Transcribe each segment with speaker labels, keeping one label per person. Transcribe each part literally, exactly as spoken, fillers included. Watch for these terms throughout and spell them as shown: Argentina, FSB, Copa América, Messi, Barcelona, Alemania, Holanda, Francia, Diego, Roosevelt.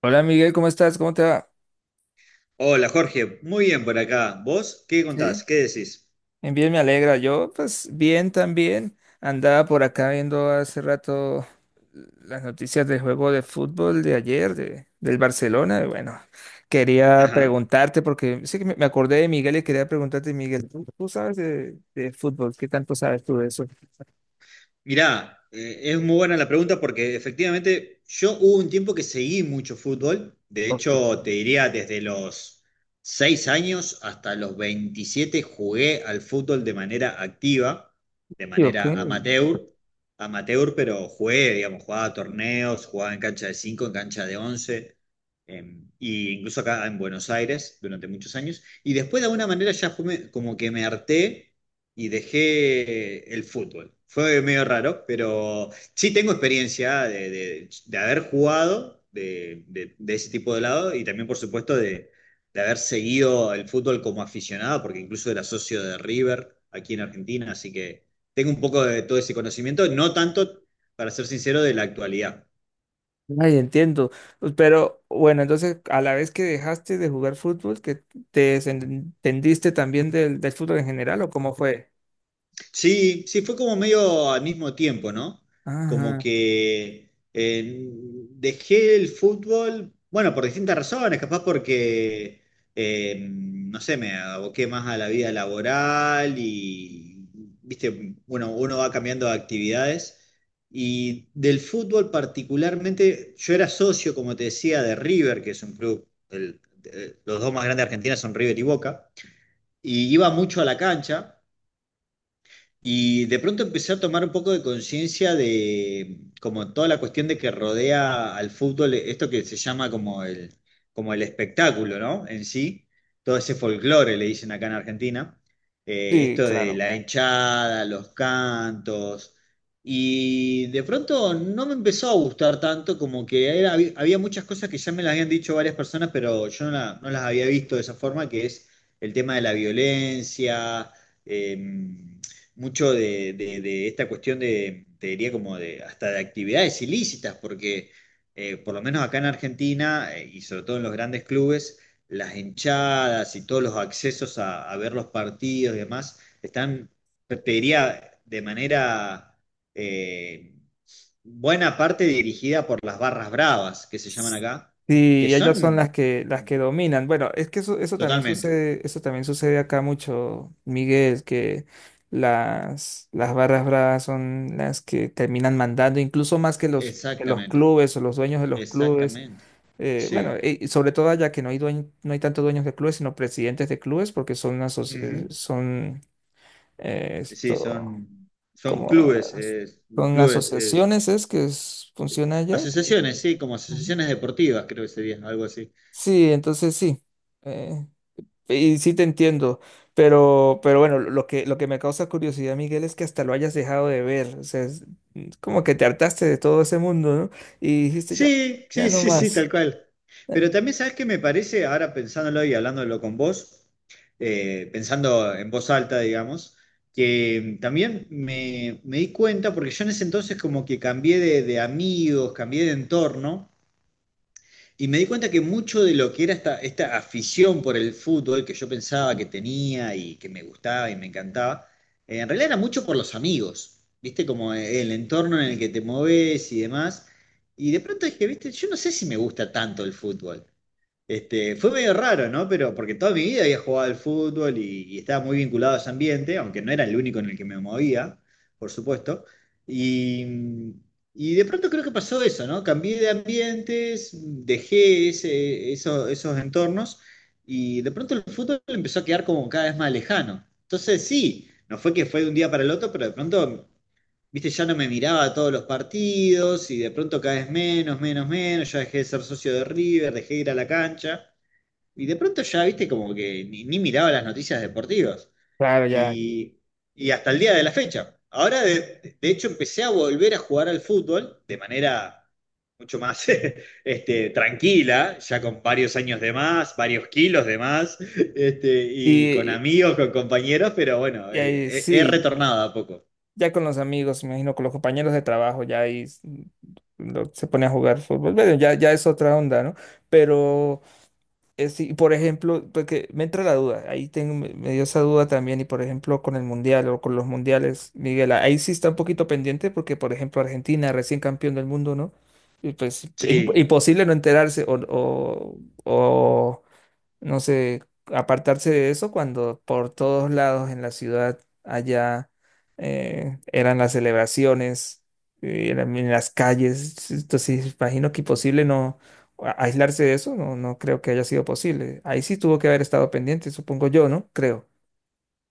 Speaker 1: Hola Miguel, ¿cómo estás? ¿Cómo te va?
Speaker 2: Hola Jorge, muy bien por acá. ¿Vos qué contás?
Speaker 1: Sí,
Speaker 2: ¿Qué decís?
Speaker 1: bien, bien, me alegra. Yo, pues bien también. Andaba por acá viendo hace rato las noticias del juego de fútbol de ayer, de, del Barcelona. Y bueno, quería
Speaker 2: Ajá.
Speaker 1: preguntarte, porque sí que me me acordé de Miguel y quería preguntarte, Miguel, ¿tú, tú sabes de, de fútbol? ¿Qué tanto sabes tú de eso?
Speaker 2: Mirá, eh, es muy buena la pregunta porque efectivamente yo hubo un tiempo que seguí mucho fútbol, de
Speaker 1: Ok.
Speaker 2: hecho te diría desde los seis años hasta los veintisiete jugué al fútbol de manera activa, de
Speaker 1: Sí, ok.
Speaker 2: manera amateur, amateur pero jugué, digamos, jugaba a torneos, jugaba en cancha de cinco, en cancha de once, em, y incluso acá en Buenos Aires durante muchos años, y después de alguna manera ya fue me- como que me harté y dejé el fútbol. Fue medio raro, pero sí tengo experiencia de, de- de haber jugado de, de- de ese tipo de lado y también, por supuesto, de, de haber seguido el fútbol como aficionado, porque incluso era socio de River aquí en Argentina, así que tengo un poco de todo ese conocimiento, no tanto, para ser sincero, de la actualidad.
Speaker 1: Ay, entiendo. Pues, pero bueno, entonces a la vez que dejaste de jugar fútbol, que te desentendiste también del, del fútbol en general, ¿o cómo fue?
Speaker 2: Sí, sí, fue como medio al mismo tiempo, ¿no? Como
Speaker 1: Ajá.
Speaker 2: que eh, dejé el fútbol, bueno, por distintas razones, capaz porque, eh, no sé, me aboqué más a la vida laboral y, viste, bueno, uno va cambiando de actividades. Y del fútbol particularmente, yo era socio, como te decía, de River, que es un club, el- el- los dos más grandes de Argentina son River y Boca, y iba mucho a la cancha. Y de pronto empecé a tomar un poco de conciencia de como toda la cuestión de que rodea al fútbol, esto que se llama como el, como el espectáculo, ¿no? En sí, todo ese folclore, le dicen acá en Argentina. Eh,
Speaker 1: Sí,
Speaker 2: esto de
Speaker 1: claro.
Speaker 2: la hinchada, los cantos, y de pronto no me empezó a gustar tanto, como que era- había había muchas cosas que ya me las habían dicho varias personas, pero yo no, la- no las había visto de esa forma, que es el tema de la violencia. em, mucho de, de- de esta cuestión de, te diría como de, hasta de actividades ilícitas, porque eh, por lo menos acá en Argentina eh, y sobre todo en los grandes clubes, las hinchadas y todos los accesos a, a ver los partidos y demás están, te diría, de manera eh, buena parte dirigida por las barras bravas, que se llaman acá,
Speaker 1: Sí,
Speaker 2: que
Speaker 1: y ellas son las
Speaker 2: son
Speaker 1: que las que dominan. Bueno, es que eso, eso también
Speaker 2: totalmente,
Speaker 1: sucede, eso también sucede acá mucho, Miguel, que las, las barras bravas son las que terminan mandando, incluso más que los, que los
Speaker 2: exactamente,
Speaker 1: clubes o los dueños de los clubes.
Speaker 2: exactamente,
Speaker 1: Eh, bueno,
Speaker 2: sí.
Speaker 1: y sobre todo allá que no hay dueño- no hay tanto dueños de clubes, sino presidentes de clubes, porque son una aso- eh, son eh,
Speaker 2: Sí,
Speaker 1: esto
Speaker 2: son, son
Speaker 1: como
Speaker 2: clubes, eh,
Speaker 1: son
Speaker 2: clubes, eh,
Speaker 1: asociaciones es que es- funciona allá.
Speaker 2: asociaciones, sí, como
Speaker 1: Ujú.
Speaker 2: asociaciones deportivas, creo que sería algo así.
Speaker 1: Sí, entonces sí. eh, y sí te entiendo. Pero, pero bueno, lo que, lo que me causa curiosidad, Miguel, es que hasta lo hayas dejado de ver. O sea, es es como que te hartaste de todo ese mundo, ¿no? Y dijiste ya,
Speaker 2: Sí,
Speaker 1: ya
Speaker 2: sí,
Speaker 1: no
Speaker 2: sí, sí,
Speaker 1: más.
Speaker 2: tal cual.
Speaker 1: Eh,
Speaker 2: Pero también, ¿sabes qué me parece? Ahora pensándolo y hablándolo con vos, eh, pensando en voz alta, digamos, que también me, me di cuenta, porque yo en ese entonces como que cambié de, de amigos, cambié de entorno. Y me di cuenta que mucho de lo que era esta, esta afición por el fútbol que yo pensaba que tenía y que me gustaba y me encantaba, eh, en realidad era mucho por los amigos, ¿viste? Como el entorno en el que te moves y demás. Y de pronto dije, ¿viste? Yo no sé si me gusta tanto el fútbol. Este, fue medio raro, ¿no? Pero porque toda mi vida había jugado al fútbol y, y estaba muy vinculado a ese ambiente, aunque no era el único en el que me movía, por supuesto. Y, y de pronto creo que pasó eso, ¿no? Cambié de ambientes, dejé ese- eso- esos entornos y de pronto el fútbol empezó a quedar como cada vez más lejano. Entonces sí, no fue que fue de un día para el otro, pero de pronto viste, ya no me miraba todos los partidos y de pronto cada vez menos, menos, menos, ya dejé de ser socio de River, dejé de ir a la cancha y de pronto ya, viste, como que ni, ni miraba las noticias deportivas
Speaker 1: Claro, ya.
Speaker 2: y, y hasta el día de la fecha. Ahora, de, de hecho, empecé a volver a jugar al fútbol de manera mucho más este, tranquila, ya con varios años de más, varios kilos de más, este, y con
Speaker 1: Y,
Speaker 2: amigos, con compañeros, pero bueno,
Speaker 1: y ahí
Speaker 2: eh, he he
Speaker 1: sí.
Speaker 2: retornado a poco.
Speaker 1: Ya con los amigos, me imagino, con los compañeros de trabajo, ya ahí s- lo- se pone a jugar fútbol. Bueno, ya, ya es otra onda, ¿no? Pero, eh, sí, por ejemplo, porque me entra la duda, ahí tengo, me, me dio esa duda también, y por ejemplo, con el mundial o con los mundiales, Miguel, ahí sí está un poquito pendiente, porque por ejemplo, Argentina, recién campeón del mundo, ¿no? Y pues, es imp-
Speaker 2: Sí.
Speaker 1: imposible no enterarse o, o, o no sé, apartarse de eso cuando por todos lados en la ciudad allá eh, eran las celebraciones, eh, eran en las calles. Entonces, imagino que imposible no a- aislarse de eso, no, no creo que haya sido posible. Ahí sí tuvo que haber estado pendiente, supongo yo, ¿no? Creo.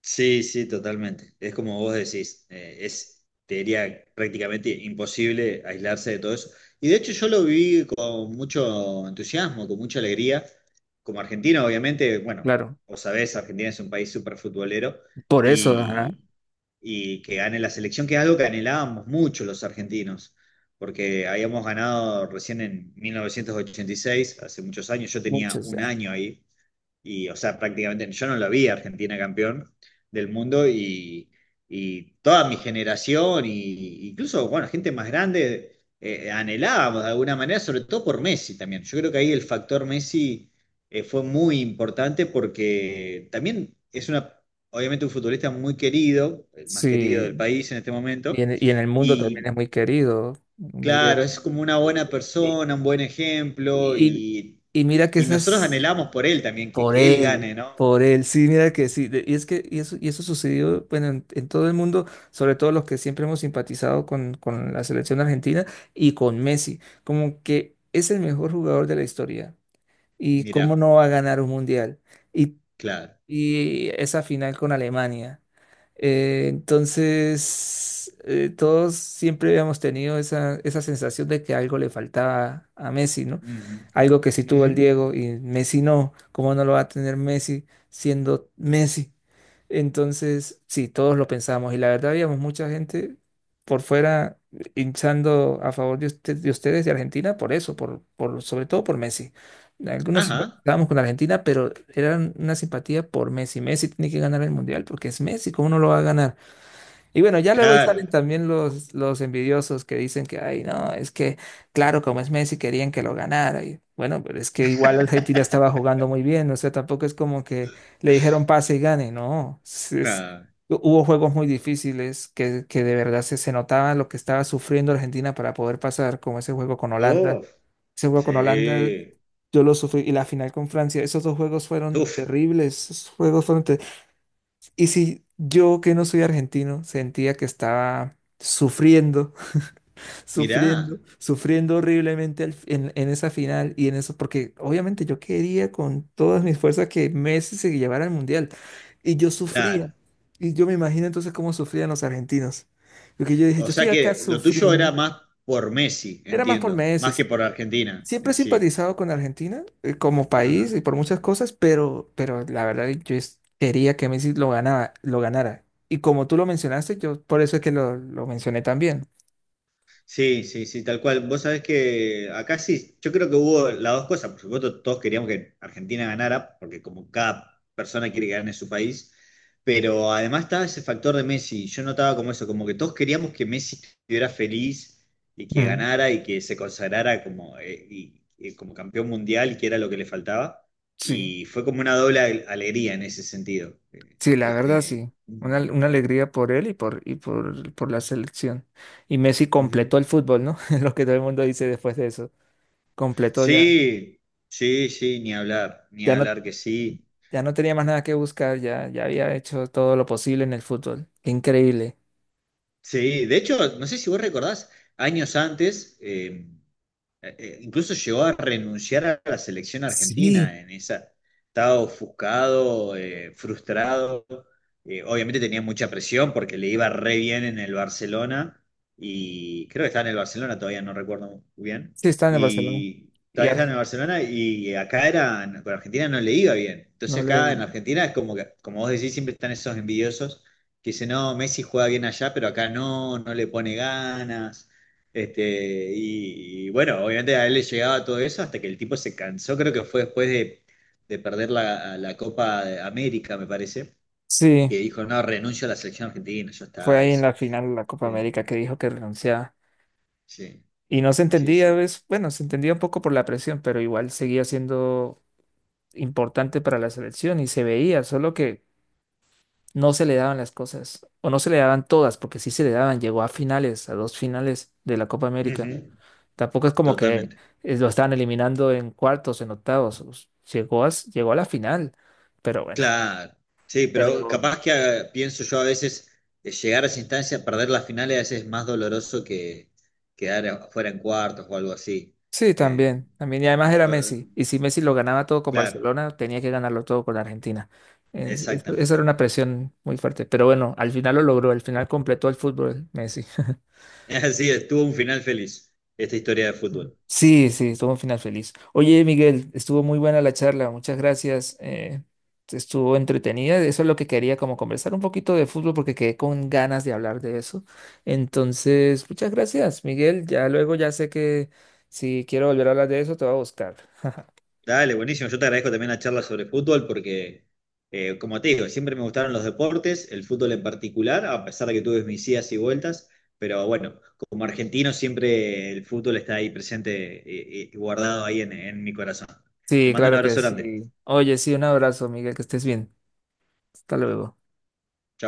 Speaker 2: Sí, sí, totalmente. Es como vos decís, eh, es, te diría, prácticamente imposible aislarse de todo eso. Y de hecho yo lo viví con mucho entusiasmo, con mucha alegría. Como argentino, obviamente, bueno,
Speaker 1: Claro,
Speaker 2: vos sabés, Argentina es un país súper futbolero
Speaker 1: por eso, ajá.
Speaker 2: y, y que gane la selección, que es algo que anhelábamos mucho los argentinos, porque habíamos ganado recién en mil novecientos ochenta y seis, hace muchos años, yo tenía
Speaker 1: Muchos
Speaker 2: un
Speaker 1: ya.
Speaker 2: año ahí y, o sea, prácticamente yo no lo vi a Argentina campeón del mundo y, y toda mi generación, y, incluso, bueno, gente más grande, eh, anhelábamos de alguna manera, sobre todo por Messi también. Yo creo que ahí el factor Messi eh, fue muy importante porque también es una, obviamente un futbolista muy querido, el más querido
Speaker 1: Sí,
Speaker 2: del país en este
Speaker 1: y
Speaker 2: momento,
Speaker 1: en, y en el mundo también
Speaker 2: y
Speaker 1: es muy querido, Miguel.
Speaker 2: claro, es como una
Speaker 1: Y,
Speaker 2: buena
Speaker 1: y-
Speaker 2: persona, un buen ejemplo,
Speaker 1: y-
Speaker 2: y,
Speaker 1: y mira que
Speaker 2: y nosotros
Speaker 1: esas...
Speaker 2: anhelamos por él también, que,
Speaker 1: Por
Speaker 2: que él
Speaker 1: él,
Speaker 2: gane, ¿no?
Speaker 1: por él, sí, mira que sí, de- y es que y eso, y eso sucedió, bueno, en, en todo el mundo, sobre todo los que siempre hemos simpatizado con, con la selección argentina y con Messi, como que es el mejor jugador de la historia, y cómo
Speaker 2: Mira,
Speaker 1: no va a ganar un mundial, y
Speaker 2: claro.
Speaker 1: y esa final con Alemania. Eh, entonces, eh, todos siempre habíamos tenido esa, esa sensación de que algo le faltaba a Messi, ¿no?
Speaker 2: Ujú,
Speaker 1: Algo que sí tuvo
Speaker 2: ujú.
Speaker 1: el Diego y Messi no. ¿Cómo no lo va a tener Messi siendo Messi? Entonces, sí, todos lo pensamos y la verdad habíamos mucha gente por fuera hinchando a favor de, usted- de ustedes de Argentina por eso, por, por, sobre todo por Messi. Algunos
Speaker 2: Ajá,
Speaker 1: estábamos con Argentina, pero era una simpatía por Messi. Messi tiene que ganar el Mundial porque es Messi, ¿cómo no lo va a ganar? Y bueno, ya luego ahí salen
Speaker 2: claro.
Speaker 1: también los, los envidiosos que dicen que, ay, no, es que, claro, como es Messi, querían que lo ganara. Y bueno, pero es que igual Argentina estaba jugando muy bien, o sea, tampoco es como que le dijeron pase y gane, no. es- es-
Speaker 2: Ah,
Speaker 1: Hubo juegos muy difíciles que, que de verdad se, se notaba lo que estaba sufriendo Argentina para poder pasar, como ese juego con Holanda.
Speaker 2: uf,
Speaker 1: Ese juego con Holanda,
Speaker 2: sí.
Speaker 1: yo lo sufrí. Y la final con Francia, esos dos juegos fueron
Speaker 2: Uf,
Speaker 1: terribles. Esos juegos fueron ter- Y si yo, que no soy argentino, sentía que estaba sufriendo,
Speaker 2: mirá,
Speaker 1: sufriendo, sufriendo horriblemente al- en, en esa final y en eso, porque obviamente yo quería con todas mis fuerzas que Messi se llevara al Mundial. Y yo sufría.
Speaker 2: claro.
Speaker 1: Y yo me imagino entonces cómo sufrían los argentinos. Porque yo dije,
Speaker 2: O
Speaker 1: yo estoy
Speaker 2: sea
Speaker 1: acá
Speaker 2: que lo tuyo era
Speaker 1: sufriendo.
Speaker 2: más por Messi,
Speaker 1: Era más por
Speaker 2: entiendo,
Speaker 1: Messi,
Speaker 2: más que
Speaker 1: sí,
Speaker 2: por Argentina
Speaker 1: siempre he
Speaker 2: en sí.
Speaker 1: simpatizado con Argentina eh, como país
Speaker 2: Ajá.
Speaker 1: y por muchas cosas, pero, pero la verdad yo es- quería que Messi lo ganaba, lo ganara. Y como tú lo mencionaste, yo por eso es que lo, lo mencioné también.
Speaker 2: Sí, sí, sí, tal cual. Vos sabés que acá sí, yo creo que hubo las dos cosas. Por supuesto, todos queríamos que Argentina ganara, porque como cada persona quiere que gane su país, pero además estaba ese factor de Messi. Yo notaba como eso, como que todos queríamos que Messi estuviera feliz y que
Speaker 1: Mm.
Speaker 2: ganara y que se consagrara como, eh, y- y como campeón mundial, que era lo que le faltaba.
Speaker 1: Sí,
Speaker 2: Y fue como una doble ale- alegría en ese sentido. Eh,
Speaker 1: sí, la verdad
Speaker 2: Este,
Speaker 1: sí. Una, una alegría por él y por, y por, por la selección. Y Messi
Speaker 2: ujú.
Speaker 1: completó el fútbol, ¿no? Es lo que todo el mundo dice después de eso. Completó ya.
Speaker 2: Sí, sí, sí, ni hablar, ni
Speaker 1: Ya no,
Speaker 2: hablar que sí.
Speaker 1: ya no tenía más nada que buscar, ya, ya había hecho todo lo posible en el fútbol. Qué increíble.
Speaker 2: Sí, de hecho, no sé si vos recordás, años antes, eh, eh, eh, incluso llegó a renunciar a la selección
Speaker 1: Sí.
Speaker 2: argentina en esa. Estaba ofuscado, eh, frustrado. Eh, obviamente tenía mucha presión porque le iba re bien en el Barcelona. Y creo que estaba en el Barcelona, todavía no recuerdo muy bien.
Speaker 1: Sí, está en el Barcelona.
Speaker 2: Y
Speaker 1: Y
Speaker 2: todavía estaba en el
Speaker 1: Argentina
Speaker 2: Barcelona y acá era, con Argentina no le iba bien.
Speaker 1: no
Speaker 2: Entonces acá en
Speaker 1: le...
Speaker 2: Argentina es como que, como vos decís, siempre están esos envidiosos que dicen, no, Messi juega bien allá, pero acá no, no le pone ganas. Este, y, y bueno, obviamente a él le llegaba todo eso hasta que el tipo se cansó, creo que fue después de, de perder la, la Copa de América, me parece,
Speaker 1: Sí,
Speaker 2: que dijo, no, renuncio a la selección argentina, ya
Speaker 1: fue
Speaker 2: está,
Speaker 1: ahí en
Speaker 2: dice.
Speaker 1: la final de la Copa
Speaker 2: Sí,
Speaker 1: América que dijo que renunciaba.
Speaker 2: sí,
Speaker 1: Y no se
Speaker 2: sí.
Speaker 1: entendía,
Speaker 2: Sí.
Speaker 1: ¿ves? Bueno, se entendía un poco por la presión, pero igual seguía siendo importante para la selección y se veía, solo que no se le daban las cosas, o no se le daban todas, porque sí se le daban, llegó a finales, a dos finales de la Copa América.
Speaker 2: Ujú.
Speaker 1: Tampoco es como que
Speaker 2: Totalmente.
Speaker 1: eh, lo estaban eliminando en cuartos, en octavos. Us- Llegó a, s- llegó a la final. Pero bueno.
Speaker 2: Claro. Sí, pero
Speaker 1: Pero
Speaker 2: capaz que ah, pienso yo a veces eh, llegar a esa instancia, perder las finales a veces es más doloroso que quedar afuera en cuartos o algo así.
Speaker 1: sí,
Speaker 2: Eh,
Speaker 1: también. También. Y además era
Speaker 2: eh,
Speaker 1: Messi. Y si Messi lo ganaba todo con
Speaker 2: claro,
Speaker 1: Barcelona, tenía que ganarlo todo con Argentina. Es- es- eso
Speaker 2: exactamente.
Speaker 1: era una presión muy fuerte. Pero bueno, al final lo logró. Al final completó el fútbol Messi.
Speaker 2: Así es, tuvo un final feliz esta historia de fútbol.
Speaker 1: Sí, sí, estuvo un final feliz. Oye, Miguel, estuvo muy buena la charla, muchas gracias. eh, estuvo entretenida, eso es lo que quería, como conversar un poquito de fútbol porque quedé con ganas de hablar de eso. Entonces, muchas gracias, Miguel. Ya luego ya sé que si quiero volver a hablar de eso, te voy a buscar.
Speaker 2: Dale, buenísimo. Yo te agradezco también la charla sobre fútbol porque, eh, como te digo, siempre me gustaron los deportes, el fútbol en particular, a pesar de que tuve mis idas y vueltas. Pero bueno, como argentino siempre el fútbol está ahí presente y, y y guardado ahí en, en mi corazón. Te
Speaker 1: Sí,
Speaker 2: mando un
Speaker 1: claro que
Speaker 2: abrazo grande.
Speaker 1: sí. Oye, sí, un abrazo, Miguel, que estés bien. Hasta luego.
Speaker 2: Chau.